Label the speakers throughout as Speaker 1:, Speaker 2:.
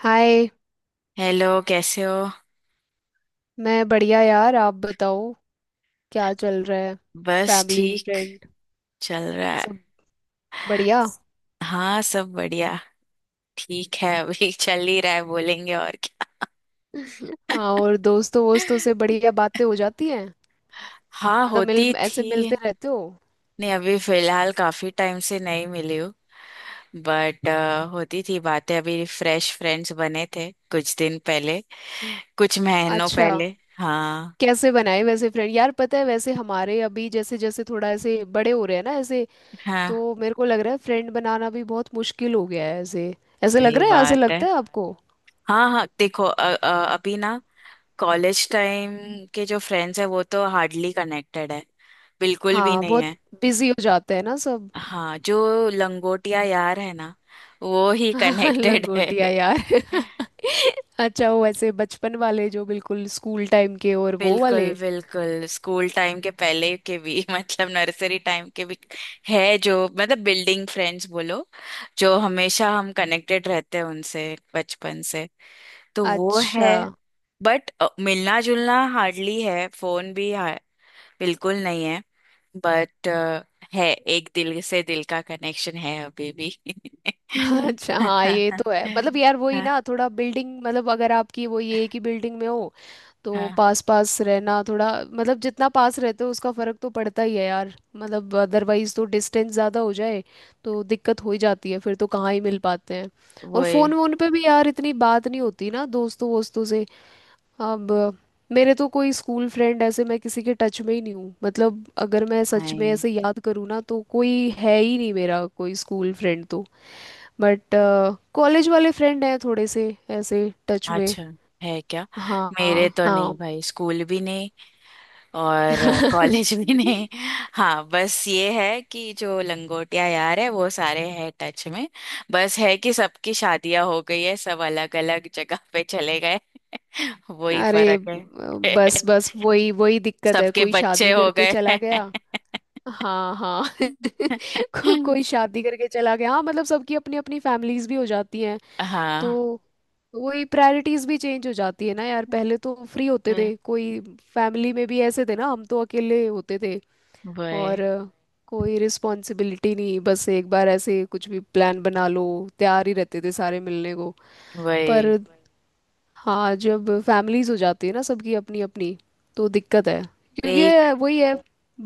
Speaker 1: हाय।
Speaker 2: Hello कैसे हो।
Speaker 1: मैं बढ़िया यार, आप बताओ क्या चल रहा है?
Speaker 2: बस
Speaker 1: फैमिली
Speaker 2: ठीक
Speaker 1: फ्रेंड
Speaker 2: चल रहा है।
Speaker 1: सब बढ़िया?
Speaker 2: हाँ सब बढ़िया। ठीक है। अभी चल ही रहा है बोलेंगे और क्या।
Speaker 1: हाँ, और दोस्तों वोस्तों से बढ़िया बातें हो जाती हैं।
Speaker 2: हाँ
Speaker 1: मतलब
Speaker 2: होती
Speaker 1: मिल ऐसे
Speaker 2: थी।
Speaker 1: मिलते रहते हो?
Speaker 2: नहीं अभी फिलहाल काफी टाइम से नहीं मिली हूँ। बट होती थी बातें अभी फ्रेश फ्रेंड्स बने थे कुछ दिन पहले। कुछ महीनों
Speaker 1: अच्छा,
Speaker 2: पहले। हाँ।
Speaker 1: कैसे बनाए वैसे फ्रेंड यार? पता है, वैसे हमारे अभी जैसे जैसे थोड़ा ऐसे बड़े हो रहे हैं ना ऐसे,
Speaker 2: हाँ
Speaker 1: तो मेरे को लग रहा है फ्रेंड बनाना भी बहुत मुश्किल हो गया है ऐसे। ऐसे लग
Speaker 2: सही
Speaker 1: रहा है, ऐसे
Speaker 2: बात है।
Speaker 1: लगता है आपको?
Speaker 2: हाँ हाँ देखो अभी ना। कॉलेज टाइम के जो फ्रेंड्स है वो तो हार्डली कनेक्टेड है। बिल्कुल भी
Speaker 1: हाँ,
Speaker 2: नहीं
Speaker 1: बहुत
Speaker 2: है।
Speaker 1: बिजी हो जाते हैं ना सब।
Speaker 2: हाँ जो लंगोटिया यार है ना वो ही कनेक्टेड है।
Speaker 1: लंगोटिया। अच्छा, वो वैसे बचपन वाले जो बिल्कुल स्कूल टाइम के, और वो
Speaker 2: बिल्कुल
Speaker 1: वाले।
Speaker 2: बिल्कुल स्कूल टाइम के पहले के भी मतलब नर्सरी टाइम के भी है जो मतलब बिल्डिंग फ्रेंड्स बोलो। जो हमेशा हम कनेक्टेड रहते हैं उनसे बचपन से। तो वो है।
Speaker 1: अच्छा।
Speaker 2: बट मिलना जुलना हार्डली है फोन भी बिल्कुल नहीं है। बट है। एक दिल से दिल का कनेक्शन है अभी भी।
Speaker 1: अच्छा, हाँ ये तो है। मतलब यार वही ना, थोड़ा बिल्डिंग, मतलब अगर आपकी वो ये है कि बिल्डिंग में हो, तो
Speaker 2: हाँ
Speaker 1: पास पास रहना, थोड़ा मतलब जितना पास रहते हो उसका फर्क तो पड़ता ही है यार। मतलब अदरवाइज तो डिस्टेंस ज़्यादा हो जाए तो दिक्कत हो ही जाती है, फिर तो कहाँ ही मिल पाते हैं।
Speaker 2: वो
Speaker 1: और फ़ोन
Speaker 2: है।
Speaker 1: वोन पे भी यार इतनी बात नहीं होती ना दोस्तों वोस्तों से। अब मेरे तो कोई स्कूल फ्रेंड, ऐसे मैं किसी के टच में ही नहीं हूँ। मतलब अगर मैं सच में
Speaker 2: नहीं
Speaker 1: ऐसे याद करूँ ना, तो कोई है ही नहीं मेरा कोई स्कूल फ्रेंड तो। बट कॉलेज वाले फ्रेंड हैं थोड़े से ऐसे, टच में।
Speaker 2: अच्छा है क्या।
Speaker 1: हाँ,
Speaker 2: मेरे तो
Speaker 1: हाँ।
Speaker 2: नहीं भाई स्कूल भी नहीं और कॉलेज भी नहीं। हाँ बस ये है कि जो लंगोटिया यार है वो सारे हैं टच में। बस है कि सबकी शादियां हो गई है सब अलग अलग जगह पे चले गए। वही
Speaker 1: अरे,
Speaker 2: फर्क है।
Speaker 1: बस बस वही वही दिक्कत है,
Speaker 2: सबके
Speaker 1: कोई
Speaker 2: बच्चे
Speaker 1: शादी
Speaker 2: हो
Speaker 1: करके चला
Speaker 2: गए।
Speaker 1: गया। हाँ हाँ कोई शादी करके चला गया, हाँ मतलब सबकी अपनी अपनी फैमिलीज भी हो जाती हैं, तो
Speaker 2: हाँ।
Speaker 1: वही प्रायोरिटीज भी चेंज हो जाती है ना यार। पहले तो फ्री होते
Speaker 2: वही
Speaker 1: थे, कोई फैमिली में भी ऐसे थे ना, हम तो अकेले होते थे, और
Speaker 2: वही।
Speaker 1: कोई रिस्पॉन्सिबिलिटी नहीं, बस एक बार ऐसे कुछ भी प्लान बना लो, तैयार ही रहते थे सारे मिलने को।
Speaker 2: वही।
Speaker 1: पर हाँ, जब फैमिलीज हो जाती है ना सबकी अपनी अपनी, तो दिक्कत है,
Speaker 2: तो
Speaker 1: क्योंकि
Speaker 2: एक
Speaker 1: ये वही है,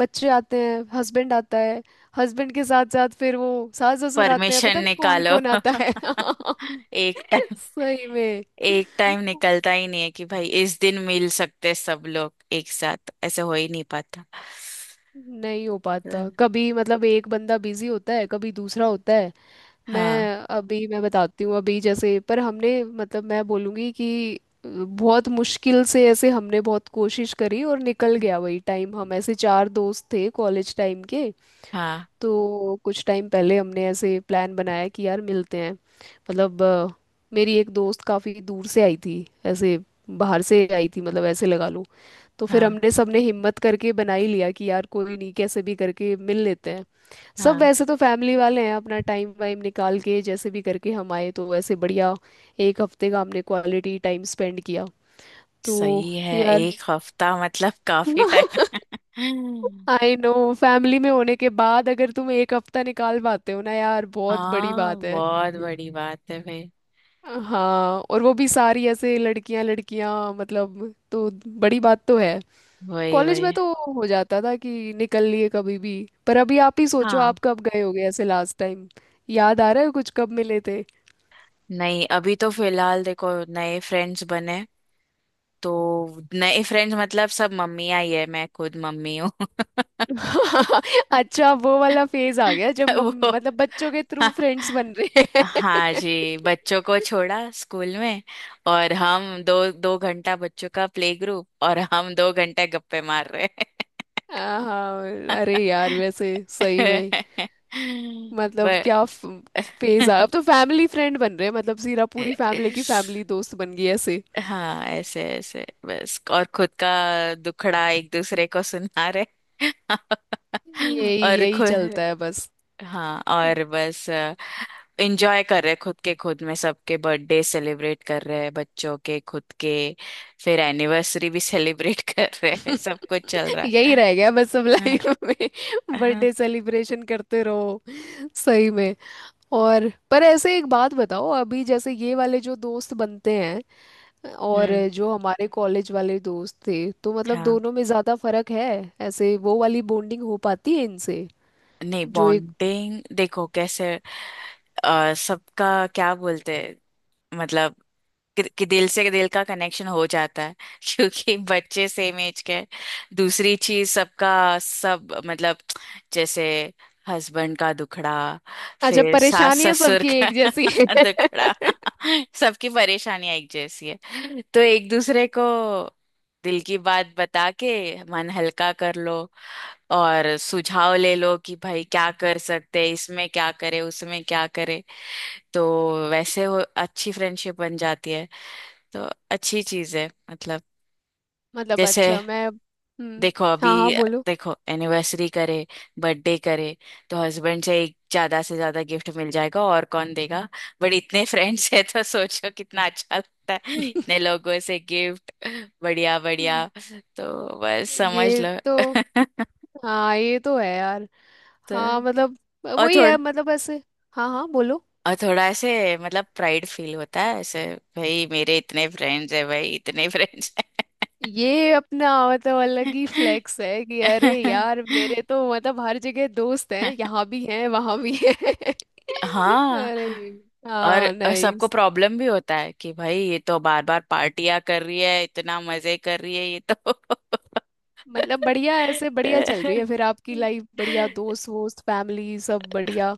Speaker 1: बच्चे आते हैं, हस्बैंड आता है, हस्बैंड के साथ साथ फिर वो सास ससुर आते हैं,
Speaker 2: परमिशन
Speaker 1: पता नहीं कौन
Speaker 2: निकालो।
Speaker 1: कौन आता है
Speaker 2: एक टाइम
Speaker 1: सही में।
Speaker 2: एक टाइम निकलता ही नहीं है कि भाई इस दिन मिल सकते हैं सब लोग एक साथ ऐसे हो ही नहीं पाता।
Speaker 1: नहीं हो पाता
Speaker 2: हम्म।
Speaker 1: कभी, मतलब एक बंदा बिजी होता है, कभी दूसरा होता है। मैं
Speaker 2: हाँ।
Speaker 1: अभी मैं बताती हूँ, अभी जैसे, पर हमने, मतलब मैं बोलूँगी कि बहुत मुश्किल से ऐसे हमने बहुत कोशिश करी और निकल गया वही टाइम। हम ऐसे चार दोस्त थे कॉलेज टाइम के,
Speaker 2: हाँ
Speaker 1: तो कुछ टाइम पहले हमने ऐसे प्लान बनाया कि यार मिलते हैं, मतलब मेरी एक दोस्त काफ़ी दूर से आई थी ऐसे, बाहर से आई थी मतलब ऐसे लगा लो। तो फिर
Speaker 2: हाँ
Speaker 1: हमने सबने हिम्मत करके बना ही लिया कि यार कोई नहीं, कैसे भी करके मिल लेते हैं। सब
Speaker 2: हाँ
Speaker 1: वैसे तो फैमिली वाले हैं, अपना टाइम वाइम निकाल के जैसे भी करके हम आए, तो वैसे बढ़िया, एक हफ्ते का हमने क्वालिटी टाइम स्पेंड किया। तो
Speaker 2: सही है
Speaker 1: यार
Speaker 2: एक हफ्ता मतलब काफी टाइम।
Speaker 1: आई नो, फैमिली में होने के बाद अगर तुम एक हफ्ता निकाल पाते हो ना यार, बहुत बड़ी
Speaker 2: हाँ
Speaker 1: बात है।
Speaker 2: बहुत बड़ी बात है भाई।
Speaker 1: हाँ, और वो भी सारी ऐसे लड़कियां लड़कियां मतलब, तो बड़ी बात तो है।
Speaker 2: वही
Speaker 1: कॉलेज में
Speaker 2: वही।
Speaker 1: तो हो जाता था कि निकल लिए कभी भी। पर अभी आप ही सोचो, आप
Speaker 2: हाँ।
Speaker 1: कब गए होगे ऐसे लास्ट टाइम? याद आ रहा है कुछ कब मिले थे?
Speaker 2: नहीं अभी तो फिलहाल देखो नए फ्रेंड्स बने तो नए फ्रेंड्स मतलब सब मम्मियाँ ही है मैं खुद मम्मी हूँ।
Speaker 1: अच्छा, वो वाला फेज आ गया जब
Speaker 2: वो
Speaker 1: मतलब बच्चों के थ्रू फ्रेंड्स बन रहे हैं।
Speaker 2: हाँ जी बच्चों को छोड़ा स्कूल में और हम 2-2 घंटा बच्चों का प्ले ग्रुप और हम 2 घंटे गप्पे मार रहे
Speaker 1: हाँ हाँ, अरे यार वैसे सही में,
Speaker 2: हैं।
Speaker 1: मतलब क्या
Speaker 2: ब-
Speaker 1: फेज आ, अब तो फैमिली फ्रेंड बन रहे हैं, मतलब सीरा पूरी फैमिली की फैमिली दोस्त बन गई ऐसे।
Speaker 2: हाँ ऐसे ऐसे बस और खुद का दुखड़ा एक दूसरे को सुना रहे।
Speaker 1: यही
Speaker 2: और
Speaker 1: यही
Speaker 2: खुद
Speaker 1: चलता है बस।
Speaker 2: हाँ और बस एंजॉय कर रहे खुद के खुद में सबके बर्थडे सेलिब्रेट कर रहे हैं बच्चों के खुद के। फिर एनिवर्सरी भी सेलिब्रेट कर रहे हैं। सब कुछ चल रहा
Speaker 1: यही
Speaker 2: है।
Speaker 1: रह गया बस अब
Speaker 2: हाँ,
Speaker 1: लाइफ में,
Speaker 2: हाँ,
Speaker 1: बर्थडे सेलिब्रेशन करते रहो सही में। और पर ऐसे एक बात बताओ, अभी जैसे ये वाले जो दोस्त बनते हैं, और
Speaker 2: हम्म।
Speaker 1: जो हमारे कॉलेज वाले दोस्त थे, तो मतलब
Speaker 2: हाँ।
Speaker 1: दोनों में ज्यादा फर्क है ऐसे? वो वाली बॉन्डिंग हो पाती है इनसे
Speaker 2: नहीं
Speaker 1: जो एक?
Speaker 2: बॉन्डिंग देखो कैसे। सबका क्या बोलते हैं मतलब कि दिल से दिल का कनेक्शन हो जाता है क्योंकि बच्चे सेम एज के हैं। दूसरी चीज सबका सब मतलब जैसे हस्बैंड का दुखड़ा।
Speaker 1: अच्छा,
Speaker 2: फिर सास
Speaker 1: परेशानियां
Speaker 2: ससुर
Speaker 1: सबकी
Speaker 2: का
Speaker 1: एक जैसी है
Speaker 2: दुखड़ा। सबकी परेशानियां एक जैसी है तो एक दूसरे को दिल की बात बता के मन हल्का कर लो और सुझाव ले लो कि भाई क्या कर सकते हैं इसमें क्या करे उसमें क्या करे। तो वैसे वो अच्छी फ्रेंडशिप बन जाती है। तो अच्छी चीज है मतलब
Speaker 1: मतलब।
Speaker 2: जैसे
Speaker 1: अच्छा, मैं, हम्म,
Speaker 2: देखो अभी
Speaker 1: हाँ हाँ बोलो।
Speaker 2: देखो एनिवर्सरी करे बर्थडे करे तो हस्बैंड से एक ज्यादा से ज्यादा गिफ्ट मिल जाएगा और कौन देगा। बट इतने फ्रेंड्स है तो सोचो कितना अच्छा लगता है इतने लोगों से गिफ्ट। बढ़िया बढ़िया। तो बस समझ
Speaker 1: ये
Speaker 2: लो।
Speaker 1: तो हाँ ये तो है यार।
Speaker 2: तो
Speaker 1: हाँ मतलब
Speaker 2: और
Speaker 1: वही
Speaker 2: थोड़ा
Speaker 1: है मतलब ऐसे। हाँ हाँ बोलो।
Speaker 2: और थोड़ा ऐसे मतलब प्राइड फील होता है ऐसे। भाई मेरे इतने फ्रेंड्स है भाई इतने फ्रेंड्स
Speaker 1: ये अपना मतलब अलग ही फ्लेक्स है कि अरे यार मेरे तो मतलब हर जगह दोस्त हैं,
Speaker 2: है।
Speaker 1: यहाँ भी हैं वहाँ भी हैं।
Speaker 2: हाँ
Speaker 1: अरे,
Speaker 2: और
Speaker 1: हाँ
Speaker 2: सबको
Speaker 1: नाइस।
Speaker 2: प्रॉब्लम भी होता है कि भाई ये तो बार बार पार्टियां कर रही है इतना मजे कर रही है ये तो।
Speaker 1: मतलब बढ़िया, ऐसे बढ़िया चल रही है फिर आपकी लाइफ, बढ़िया दोस्त वोस्त फैमिली सब बढ़िया।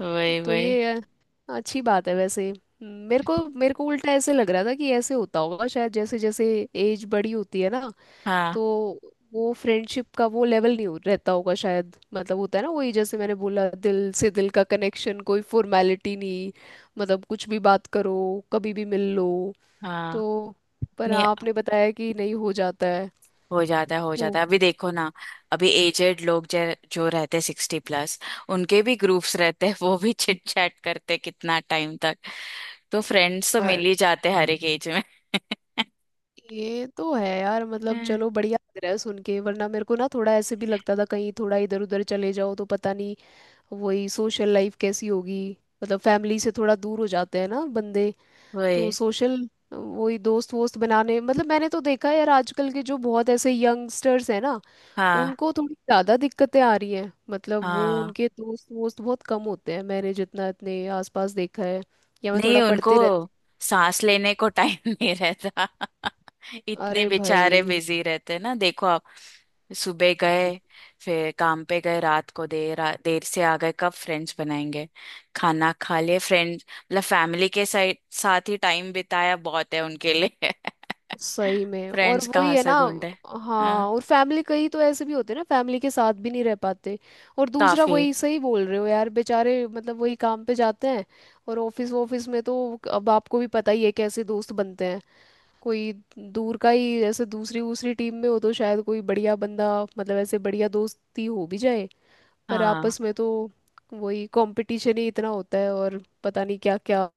Speaker 2: वही
Speaker 1: तो
Speaker 2: वही।
Speaker 1: ये है, अच्छी बात है वैसे। मेरे को उल्टा ऐसे लग रहा था कि ऐसे होता होगा शायद, जैसे जैसे एज बड़ी होती है ना,
Speaker 2: हाँ
Speaker 1: तो वो फ्रेंडशिप का वो लेवल नहीं हो रहता होगा शायद, मतलब होता है ना वही, जैसे मैंने बोला दिल से दिल का कनेक्शन, कोई फॉर्मेलिटी नहीं। मतलब कुछ भी बात करो, कभी भी मिल लो
Speaker 2: हाँ।
Speaker 1: तो। पर
Speaker 2: नहीं
Speaker 1: आपने बताया कि नहीं, हो जाता है
Speaker 2: हो जाता है हो
Speaker 1: तो।
Speaker 2: जाता है अभी देखो ना। अभी एजेड लोग जो जो रहते हैं 60+ उनके भी ग्रुप्स रहते हैं वो भी चिट चैट करते हैं कितना टाइम तक। तो फ्रेंड्स तो मिल
Speaker 1: यार,
Speaker 2: ही जाते हैं हर एक एज में।
Speaker 1: ये तो है यार, मतलब
Speaker 2: हम्म,
Speaker 1: चलो बढ़िया लग रहा है सुन के, वरना मेरे को ना थोड़ा ऐसे भी लगता था कहीं, थोड़ा इधर उधर चले जाओ तो पता नहीं वही सोशल लाइफ कैसी होगी। मतलब फैमिली से थोड़ा दूर हो जाते हैं ना बंदे, तो
Speaker 2: वही।
Speaker 1: सोशल, वही दोस्त वोस्त बनाने, मतलब मैंने तो देखा है यार आजकल के जो बहुत ऐसे यंगस्टर्स हैं ना,
Speaker 2: हाँ
Speaker 1: उनको थोड़ी ज़्यादा दिक्कतें आ रही हैं, मतलब वो
Speaker 2: हाँ।
Speaker 1: उनके दोस्त वोस्त बहुत कम होते हैं मैंने जितना अपने आसपास देखा है, या मैं
Speaker 2: नहीं
Speaker 1: थोड़ा
Speaker 2: उनको
Speaker 1: पढ़ते रहती
Speaker 2: सांस लेने को टाइम नहीं रहता।
Speaker 1: हूँ।
Speaker 2: इतने
Speaker 1: अरे
Speaker 2: बेचारे
Speaker 1: भाई,
Speaker 2: बिजी रहते हैं ना देखो आप सुबह गए फिर काम पे गए रात को देर देर से आ गए कब फ्रेंड्स बनाएंगे। खाना खा लिए फ्रेंड्स मतलब फैमिली के साथ साथ ही टाइम बिताया बहुत है उनके लिए।
Speaker 1: सही में। और
Speaker 2: फ्रेंड्स
Speaker 1: वही
Speaker 2: कहाँ
Speaker 1: है
Speaker 2: से
Speaker 1: ना।
Speaker 2: ढूंढे। हाँ
Speaker 1: हाँ, और फैमिली, कई तो ऐसे भी होते हैं ना फैमिली के साथ भी नहीं रह पाते, और दूसरा
Speaker 2: काफी।
Speaker 1: वही, सही बोल रहे हो यार, बेचारे मतलब वही काम पे जाते हैं, और ऑफिस ऑफिस में तो अब आपको भी पता ही है कैसे दोस्त बनते हैं। कोई दूर का ही, जैसे दूसरी दूसरी टीम में हो तो शायद कोई बढ़िया बंदा, मतलब ऐसे बढ़िया दोस्ती हो भी जाए। पर
Speaker 2: हाँ।
Speaker 1: आपस में तो वही कंपटीशन ही इतना होता है, और पता नहीं क्या क्या।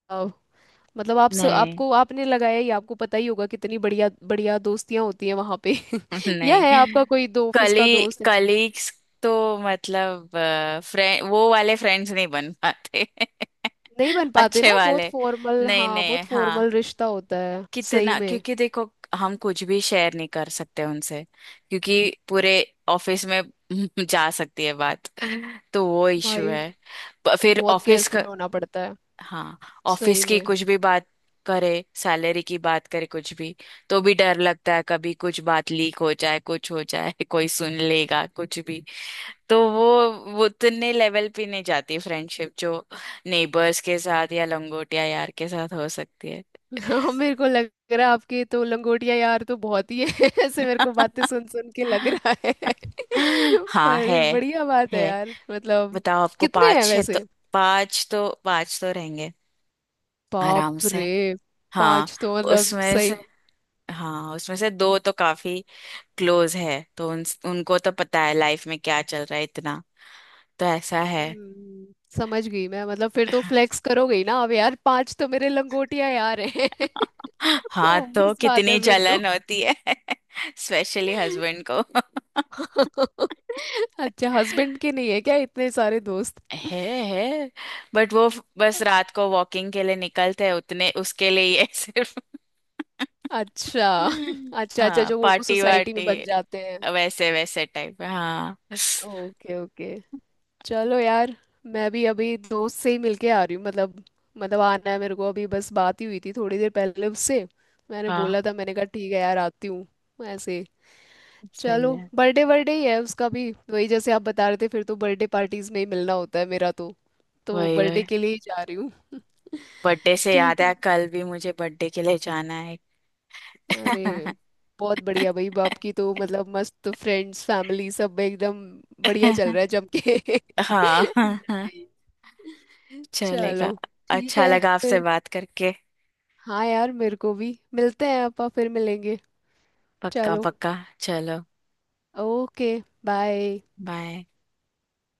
Speaker 1: मतलब
Speaker 2: नहीं।
Speaker 1: आपको आपने लगाया ही, आपको पता ही होगा कितनी बढ़िया बढ़िया दोस्तियां होती हैं वहां पे। या है
Speaker 2: नहीं
Speaker 1: आपका कोई दो ऑफिस
Speaker 2: कली
Speaker 1: का दोस्त ऐसे?
Speaker 2: कलीग्स तो मतलब फ्रेंड वो वाले फ्रेंड्स नहीं बन पाते।
Speaker 1: नहीं बन पाते ना,
Speaker 2: अच्छे
Speaker 1: बहुत
Speaker 2: वाले।
Speaker 1: फॉर्मल,
Speaker 2: नहीं
Speaker 1: हाँ
Speaker 2: नहीं
Speaker 1: बहुत
Speaker 2: हाँ
Speaker 1: फॉर्मल रिश्ता होता है सही
Speaker 2: कितना
Speaker 1: में।
Speaker 2: क्योंकि देखो हम कुछ भी शेयर नहीं कर सकते उनसे क्योंकि पूरे ऑफिस में जा सकती है बात। तो वो इशू
Speaker 1: भाई
Speaker 2: है। फिर
Speaker 1: बहुत
Speaker 2: ऑफिस
Speaker 1: केयरफुल
Speaker 2: का।
Speaker 1: होना पड़ता है
Speaker 2: हाँ ऑफिस
Speaker 1: सही
Speaker 2: की
Speaker 1: में।
Speaker 2: कुछ भी बात करे सैलरी की बात करे कुछ भी तो भी डर लगता है कभी कुछ बात लीक हो जाए कुछ हो जाए कोई सुन लेगा कुछ भी। तो वो उतने लेवल पे नहीं जाती फ्रेंडशिप जो नेबर्स के साथ या लंगोटिया यार के साथ हो सकती है।
Speaker 1: हाँ, मेरे को लग रहा है आपके तो लंगोटिया यार तो बहुत ही है ऐसे मेरे को बातें सुन सुन के लग रहा है।
Speaker 2: हाँ है
Speaker 1: पर बढ़िया बात है
Speaker 2: है।
Speaker 1: यार मतलब।
Speaker 2: बताओ आपको
Speaker 1: कितने हैं
Speaker 2: पांच है तो
Speaker 1: वैसे?
Speaker 2: पांच तो पांच तो रहेंगे आराम
Speaker 1: बाप
Speaker 2: से।
Speaker 1: रे,
Speaker 2: हाँ
Speaker 1: पांच तो मतलब
Speaker 2: उसमें
Speaker 1: सही।
Speaker 2: से हाँ उसमें से दो तो काफी क्लोज है तो उनको तो पता है लाइफ में क्या चल रहा है इतना तो ऐसा है।
Speaker 1: समझ गई मैं, मतलब फिर तो फ्लेक्स करोगे ही ना अब यार, पांच तो मेरे लंगोटिया यार हैं।
Speaker 2: हाँ तो
Speaker 1: ऑब्वियस बात
Speaker 2: कितनी
Speaker 1: है फिर तो।
Speaker 2: जलन होती है। स्पेशली हस्बैंड को।
Speaker 1: अच्छा, हस्बैंड के नहीं है क्या इतने सारे दोस्त?
Speaker 2: है है बट वो बस रात को वॉकिंग के लिए निकलते हैं उतने उसके लिए ही है सिर्फ।
Speaker 1: अच्छा अच्छा, अच्छा,
Speaker 2: हाँ
Speaker 1: जो वो
Speaker 2: पार्टी
Speaker 1: सोसाइटी में
Speaker 2: वार्टी
Speaker 1: बन जाते हैं।
Speaker 2: वैसे वैसे टाइप। हाँ
Speaker 1: ओके ओके, चलो यार, मैं भी अभी दोस्त से ही मिलके आ रही हूँ, मतलब आना है मेरे को अभी, बस बात ही हुई थी थोड़ी देर पहले उससे, मैंने
Speaker 2: हाँ
Speaker 1: बोला था, मैंने कहा ठीक है यार आती हूँ ऐसे।
Speaker 2: सही
Speaker 1: चलो,
Speaker 2: है।
Speaker 1: बर्थडे, बर्थडे ही है उसका भी, वही जैसे आप बता रहे थे फिर तो, बर्थडे पार्टीज में ही मिलना होता है मेरा तो
Speaker 2: वही
Speaker 1: बर्थडे
Speaker 2: वही।
Speaker 1: के लिए ही जा रही हूँ।
Speaker 2: बर्थडे से
Speaker 1: ठीक
Speaker 2: याद
Speaker 1: है।
Speaker 2: है कल भी मुझे बर्थडे के लिए जाना
Speaker 1: अरे,
Speaker 2: है।
Speaker 1: बहुत बढ़िया भाई, बाप की तो मतलब मस्त, फ्रेंड्स फैमिली सब एकदम बढ़िया चल रहा है जम के।
Speaker 2: हाँ हाँ हाँ
Speaker 1: Nice.
Speaker 2: चलेगा।
Speaker 1: चलो, ठीक
Speaker 2: अच्छा
Speaker 1: है
Speaker 2: लगा आपसे
Speaker 1: फिर।
Speaker 2: बात करके।
Speaker 1: हाँ यार मेरे को भी, मिलते हैं आपा, फिर मिलेंगे।
Speaker 2: पक्का
Speaker 1: चलो।
Speaker 2: पक्का। चलो।
Speaker 1: ओके। बाय।
Speaker 2: बाय।